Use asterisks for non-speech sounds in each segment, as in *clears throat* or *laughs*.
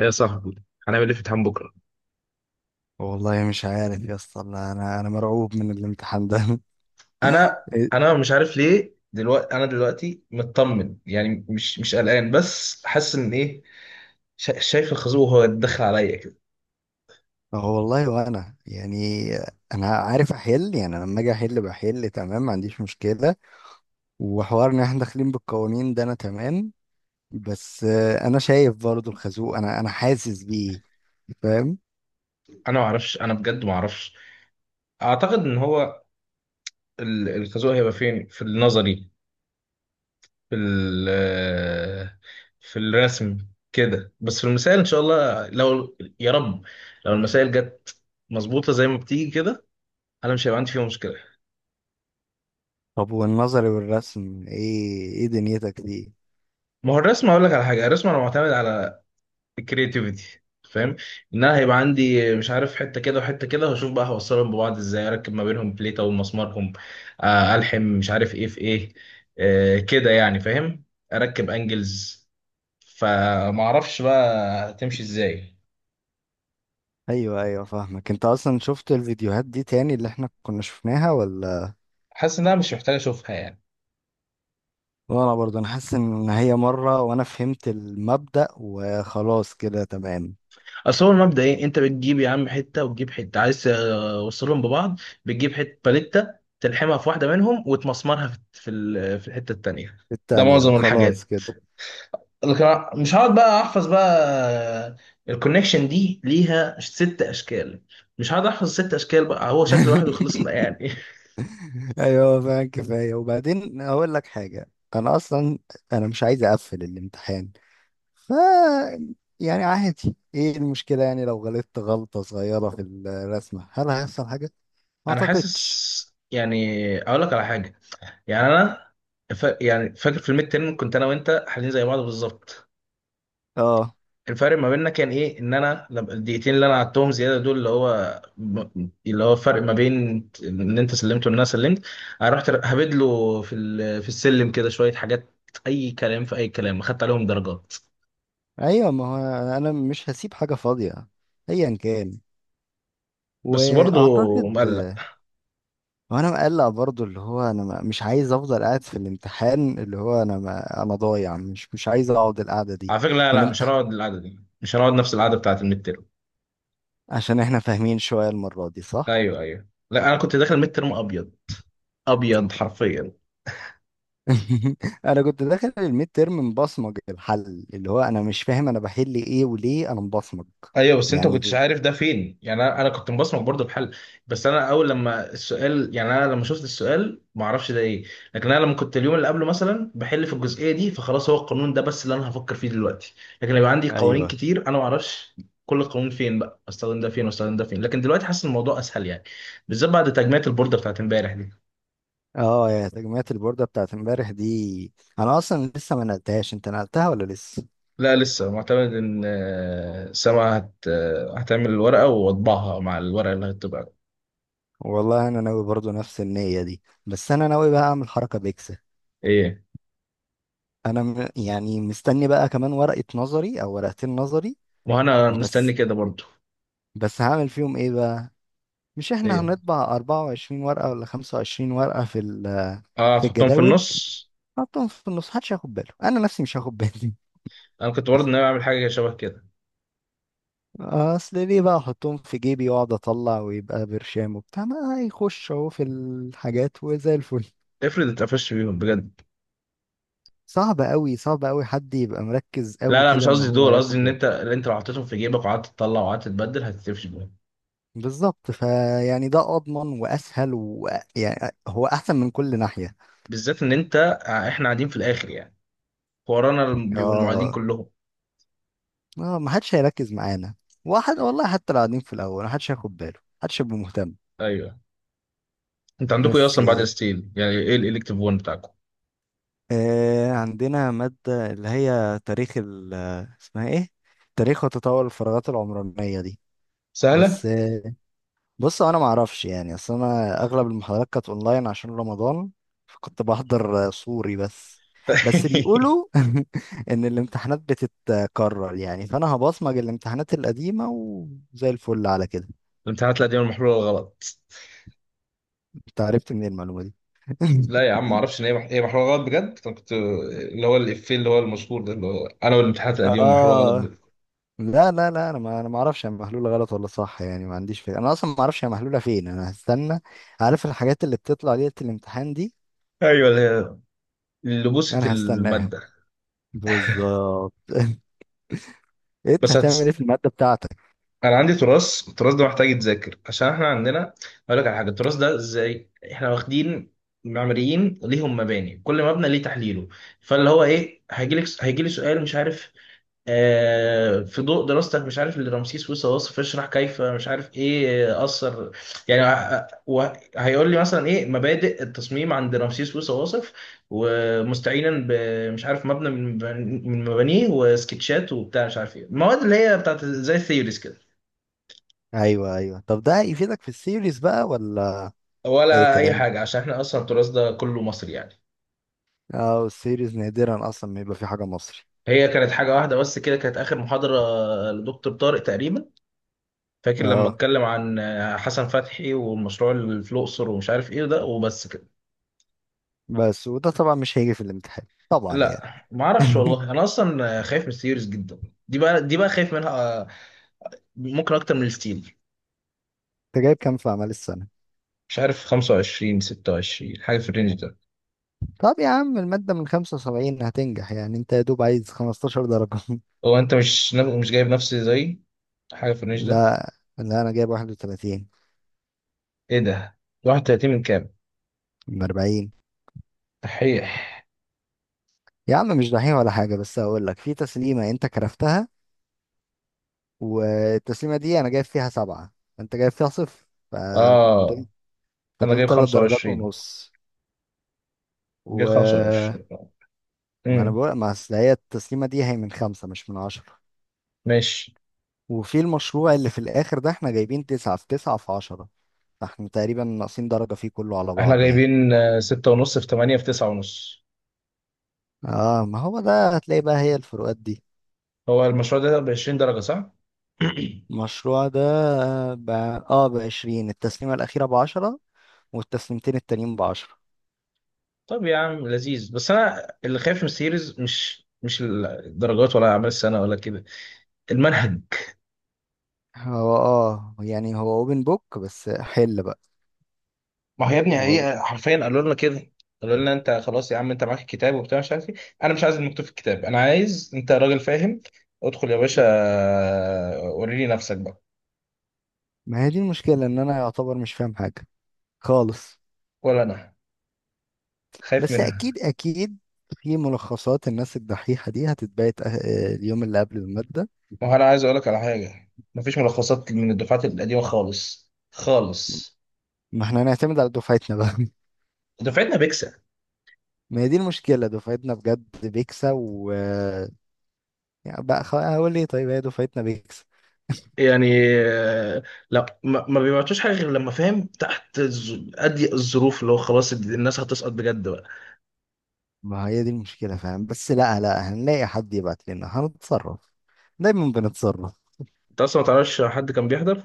يا صاحبي، هنعمل ايه في امتحان بكره؟ والله مش عارف يا اسطى، انا انا أنا مرعوب من الامتحان ده. *laughs* انا إيه؟ انا مش عارف ليه دلوقتي. انا دلوقتي مطمن يعني مش قلقان، بس حاسس ان ايه. شايف الخازوق وهو داخل عليا كده. هو والله وانا يعني انا عارف احل، يعني أنا لما اجي احل بحل تمام، ما عنديش مشكله. وحوار ان احنا داخلين بالقوانين ده انا تمام. بس انا شايف برضو الخازوق، انا حاسس بيه، فاهم؟ انا ما اعرفش، انا بجد ما اعرفش. اعتقد ان هو الخازوق هيبقى فين؟ في النظري، في ال- في الرسم كده، بس في المسائل ان شاء الله لو يا رب، لو المسائل جت مظبوطه زي ما بتيجي كده انا مش هيبقى عندي فيها مشكله. طب والنظري والرسم، ايه دنيتك دي؟ ما هو الرسم، اقول لك على حاجه، الرسم انا معتمد على الكرياتيفيتي، فاهم؟ ان انا هيبقى عندي مش عارف حته كده وحته كده واشوف بقى هوصلهم ببعض ازاي، اركب ما بينهم بليته ومسمارهم. الحم مش عارف ايه في ايه، كده يعني، فاهم؟ اركب انجلز، فما اعرفش بقى هتمشي ازاي. ايوه ايوه، فاهمك. انت اصلا شفت الفيديوهات دي تاني اللي احنا كنا شفناها ولا؟ حاسس انها مش محتاج اشوفها يعني. وانا برضه، انا حاسس ان هي مرة وانا فهمت المبدأ وخلاص، كده تمام. اصل هو المبدا ايه؟ انت بتجيب يا عم حته وتجيب حته عايز توصلهم ببعض، بتجيب حته باليته، تلحمها في واحده منهم وتمسمرها في في الحته التانيه. ده التانية معظم وخلاص الحاجات، كده. لكن أنا مش هقعد بقى احفظ بقى. الكونكشن دي ليها ست اشكال، مش هقعد احفظ ست اشكال، بقى هو شكل واحد وخلصنا *laughs* يعني. ايوه فعلا كفاية. وبعدين اقول لك حاجة، انا اصلا انا مش عايز اقفل الامتحان. ف يعني عادي، ايه المشكلة؟ يعني لو غلطت غلطة صغيرة في الرسمة هل هيحصل حاجة؟ *laughs* ما انا اعتقدش. حاسس يعني. اقول لك على حاجه، يعني انا يعني فاكر في الميد تيرم كنت انا وانت حالين زي بعض بالظبط. اه الفرق ما بيننا كان ايه؟ ان انا الدقيقتين اللي انا قعدتهم زياده دول، اللي هو اللي هو الفرق ما بين ان انت سلمت وان انا سلمت، انا رحت هبدله في السلم كده شويه حاجات، اي كلام في اي كلام، خدت عليهم درجات. ايوه. ما هو انا مش هسيب حاجة فاضية ايا كان، بس برضه واعتقد. مقلق. وانا مقلق برضو، اللي هو انا مش عايز افضل قاعد في الامتحان، اللي هو انا ما انا ضايع، مش عايز اقعد القعده دي. على فكره، لا، مش والامتحان. هنقعد القعده دي، مش هنقعد نفس القعده بتاعت الميد تيرم. *laughs* عشان احنا فاهمين شويه المره دي، صح. ايوه ايوه، لا انا كنت داخل ميد تيرم ابيض، ابيض حرفيا. *laughs* انا كنت داخل الميد تيرم مبصمج الحل، اللي هو انا مش فاهم انا بحل ايه وليه انا مبصمج. ايوه بس انت ما كنتش يعني عارف ده فين يعني. انا كنت مبصمك برضه بحل. بس انا اول لما السؤال، يعني انا لما شفت السؤال ما اعرفش ده ايه، لكن انا لما كنت اليوم اللي قبله مثلا بحل في الجزئيه دي، فخلاص هو القانون ده بس اللي انا هفكر فيه دلوقتي. لكن لو عندي قوانين ايوه. كتير انا ما اعرفش كل قانون فين بقى، استخدم ده فين واستخدم ده فين. لكن دلوقتي حاسس إن الموضوع اسهل يعني، بالذات بعد تجميعة البوردة بتاعت امبارح دي. اه يا تجميعة البوردة بتاعت امبارح دي، انا اصلا لسه ما نقلتهاش، انت نقلتها ولا لسه؟ لا لسه، معتمد ان سما هت... آه، هتعمل الورقه واطبعها مع الورقه اللي هتبقى. والله انا ناوي برضو نفس النية دي، بس انا ناوي بقى اعمل حركة بيكسل. ايه. انا يعني مستني بقى كمان ورقة نظري او ورقتين نظري. وانا مستني بس كده برضو. بس هعمل فيهم ايه بقى؟ مش احنا ايه. هنطبع 24 ورقة ولا 25 ورقة في اه، في هتحطهم في الجداول؟ النص. حطهم في النص، محدش هياخد باله، انا نفسي مش هاخد بالي. انا كنت برضه ناوي اعمل حاجه شبه كده. اصل ليه بقى احطهم في جيبي واقعد اطلع ويبقى برشام وبتاع؟ ما هيخش اهو في الحاجات وزي الفل. افرض اتقفشت بيهم بجد. صعب قوي، صعب قوي حد يبقى مركز لا قوي لا، كده مش ان قصدي هو دول، قصدي هياخد ان انت، باله. اللي انت لو حطيتهم في جيبك وقعدت تطلع وقعدت تبدل هتتقفش بيهم. بالظبط، فيعني ده اضمن واسهل، ويعني هو احسن من كل ناحية. بالذات ان انت، احنا قاعدين في الاخر يعني، ورانا بيبقوا المعيدين اه، كلهم. اه ما حدش هيركز معانا. واحد والله حتى لو قاعدين في الاول ما حدش هياخد باله، ما حدش هيبقى مهتم. ايوه. انت عندكم ايه بس اصلا بعد الستيل؟ يعني ايه الالكتيف 1 بتاعكم؟ آه، عندنا مادة اللي هي تاريخ ال، اسمها ايه؟ تاريخ وتطور الفراغات العمرانية دي. سهله. بس آه، بص انا ما اعرفش يعني، اصل انا اغلب المحاضرات كانت اونلاين عشان رمضان، فكنت بحضر صوري بس. بس *laughs* بيقولوا *laughs* ان الامتحانات بتتكرر، يعني فانا هبصمج الامتحانات القديمة وزي الفل على كده. الامتحانات القديمة المحلولة الغلط. انت عرفت منين المعلومة دي؟ *laughs* لا يا عم، ما اعرفش ان هي هي محلوله غلط بجد. انا كنت اللي هو الافيه اللي هو المشهور ده، اللي هو انا والامتحانات القديمه محلوله غلط اه. بجد. لا لا لا، انا ما انا ما اعرفش هي محلوله غلط ولا صح، يعني ما عنديش فكره، انا اصلا ما اعرفش هي محلوله فين. انا هستنى، عارف الحاجات اللي بتطلع ليله الامتحان دي؟ ايوه اللي هي، اللي بوست انا هستناها الماده. بالظبط. *laughs* انت بس هتعمل ايه هتس... في الماده بتاعتك؟ انا عندي تراث، التراث ده محتاج يتذاكر عشان احنا عندنا، اقول لك على حاجه، التراث ده ازاي؟ احنا واخدين معماريين ليهم مباني، كل مبنى ليه تحليله، فاللي هو ايه، هيجي لك هيجي لي سؤال مش عارف، في ضوء دراستك مش عارف اللي رمسيس موسى واصف، اشرح كيف مش عارف ايه، اثر يعني، هيقول لي مثلا ايه مبادئ التصميم عند رمسيس موسى واصف، ومستعينا بمش عارف مبنى من مبانيه وسكتشات وبتاع مش عارف ايه. المواد اللي هي بتاعت زي الثيوريز كده ايوه ايوه. طب ده هيفيدك في السيريز بقى ولا اي ولا اي كلام؟ حاجه، عشان احنا اصلا التراث ده كله مصري يعني. اه السيريز نادرا اصلا ما يبقى في حاجه مصري. هي كانت حاجه واحده بس كده، كانت اخر محاضره لدكتور طارق تقريبا، فاكر لما اه. اتكلم عن حسن فتحي والمشروع اللي في الاقصر ومش عارف ايه ده، وبس كده. بس وده طبعا مش هيجي في الامتحان طبعا، يعني. لا ما اعرفش والله، *laughs* انا اصلا خايف من السيريز جدا دي بقى، دي بقى خايف منها، ممكن اكتر من الستيل. انت جايب كام في اعمال السنه؟ مش عارف، 25 26 حاجه في الرينج ده. طب يا عم المادة من 75، هتنجح يعني، انت يا دوب عايز 15 درجة. *laughs* هو انت مش جايب نفسي زي، حاجه في الرينج ده؟ لا لا، انا جايب 31 ايه ده، 31 من كام؟ من 40. تحيح. يا عم مش دحيح ولا حاجة، بس هقول لك في تسليمة انت كرفتها، والتسليمة دي انا جايب فيها سبعة، انت جايب فيها صفر، اه، فدول انا فدول جايب تلات درجات 25، ونص. جايب و 25. ما انا امم. بقول، ما اصل هي التسليمة دي هي من خمسة مش من عشرة. ماشي. وفي المشروع اللي في الاخر ده احنا جايبين تسعة في تسعة في عشرة، فاحنا تقريبا ناقصين درجة فيه كله على احنا بعضه يعني. جايبين ستة ونص في 8 في 9 ونص. اه ما هو ده، هتلاقي بقى هي الفروقات دي. هو المشروع ده ب 20 درجة صح؟ *clears throat* المشروع ده ب... اه بعشرين، التسليمة الأخيرة بعشرة والتسليمتين التانيين بعشرة. طب يا عم لذيذ، بس انا اللي خايف من السيريز، مش الدرجات ولا اعمال السنه ولا كده، المنهج. هو اه يعني، هو اوبن بوك، بس حل بقى. ما هو يا ابني والله هي حرفيا قالوا لنا كده، قالوا لنا انت خلاص يا عم، انت معاك الكتاب وبتاع مش عارف ايه، انا مش عايز المكتوب في الكتاب، انا عايز انت راجل فاهم، ادخل يا باشا وريني نفسك بقى. ما هي دي المشكلة، ان انا يعتبر مش فاهم حاجة خالص. ولا انا خايف بس منها. اكيد اكيد في ملخصات الناس الدحيحة دي هتتبعت اليوم اللي قبل المادة. ما هو انا عايز اقول لك على حاجه، مفيش ملخصات من الدفعات القديمه خالص خالص. ما احنا هنعتمد على دفعتنا بقى. دفعتنا *laughs* ما هي دي المشكلة، دفعتنا بجد بيكسا، و يعني بقى هقول ايه؟ طيب هي دفعتنا بيكسا. يعني، آه، لا، ما بيبعتوش حاجه غير لما فاهم تحت اضيق الظروف، اللي هو خلاص الناس هتسقط بجد بقى. ما هي دي المشكلة، فاهم؟ بس لا لا، هنلاقي حد يبعت لنا، هنتصرف، دايما بنتصرف. انت اصلا ما تعرفش حد كان بيحضر.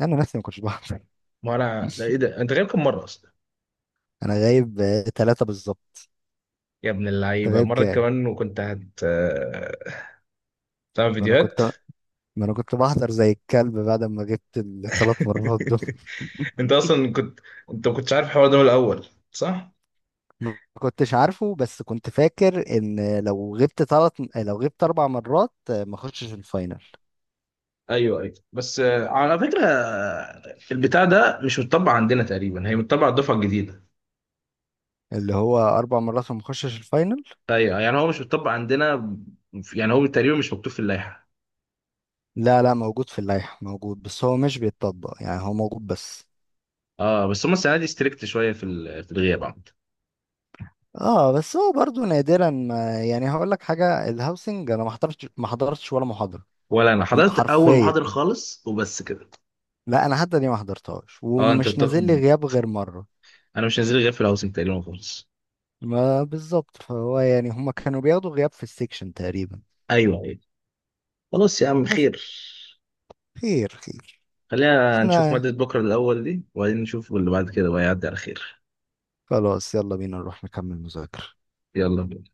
انا نفسي ما كنتش بحضر. ما انا لا، ايه ده، انت غايب كم مره اصلا؟ انا غايب ثلاثة بالظبط. يا ابن انت اللعيبه، غايب مره كام؟ كمان وكنت هت آه، تعمل ما انا فيديوهات. كنت ما انا كنت بحضر زي الكلب بعد ما جبت الثلاث مرات دول. *laughs* انت اصلا كنت، انت ما كنتش عارف الحوار ده من الاول صح. ما كنتش عارفه، بس كنت فاكر ان لو غبت ثلاث، لو غبت اربع مرات ما اخشش الفاينل. ايوه ايوه، بس على فكره، البتاع ده مش متطبق عندنا تقريبا، هي متطبق على الدفعه الجديده. اللي هو اربع مرات وما اخشش الفاينل. ايوه يعني هو مش بيطبق عندنا يعني هو تقريبا مش مكتوب في اللائحه. لا لا، موجود في اللائحة موجود، بس هو مش بيتطبق، يعني هو موجود بس. اه بس هم السنه دي ستريكت شويه في الغياب عامه. اه بس هو برضو نادرا ما، يعني هقول لك حاجه، الهاوسنج انا ما حضرتش، ما حضرتش ولا محاضره. ولا انا لا، حضرت اول حرفيا. محاضره خالص وبس كده. لا انا حتى دي ما حضرتهاش، اه انت ومش نازل لي بتاخد. غياب غير مره. انا مش نازل غير في الهاوسنج تقريبا خالص. ما بالظبط، فهو يعني هما كانوا بياخدوا غياب في السكشن تقريبا. ايوه ايوه. خلاص يا عم بس. خير. خير خير. خلينا نشوف احنا ماده بكره الاول دي، وبعدين نشوف اللي بعد كده بقى، يعدي على خير. خلاص، يلا بينا نروح نكمل مذاكره. يلا بينا.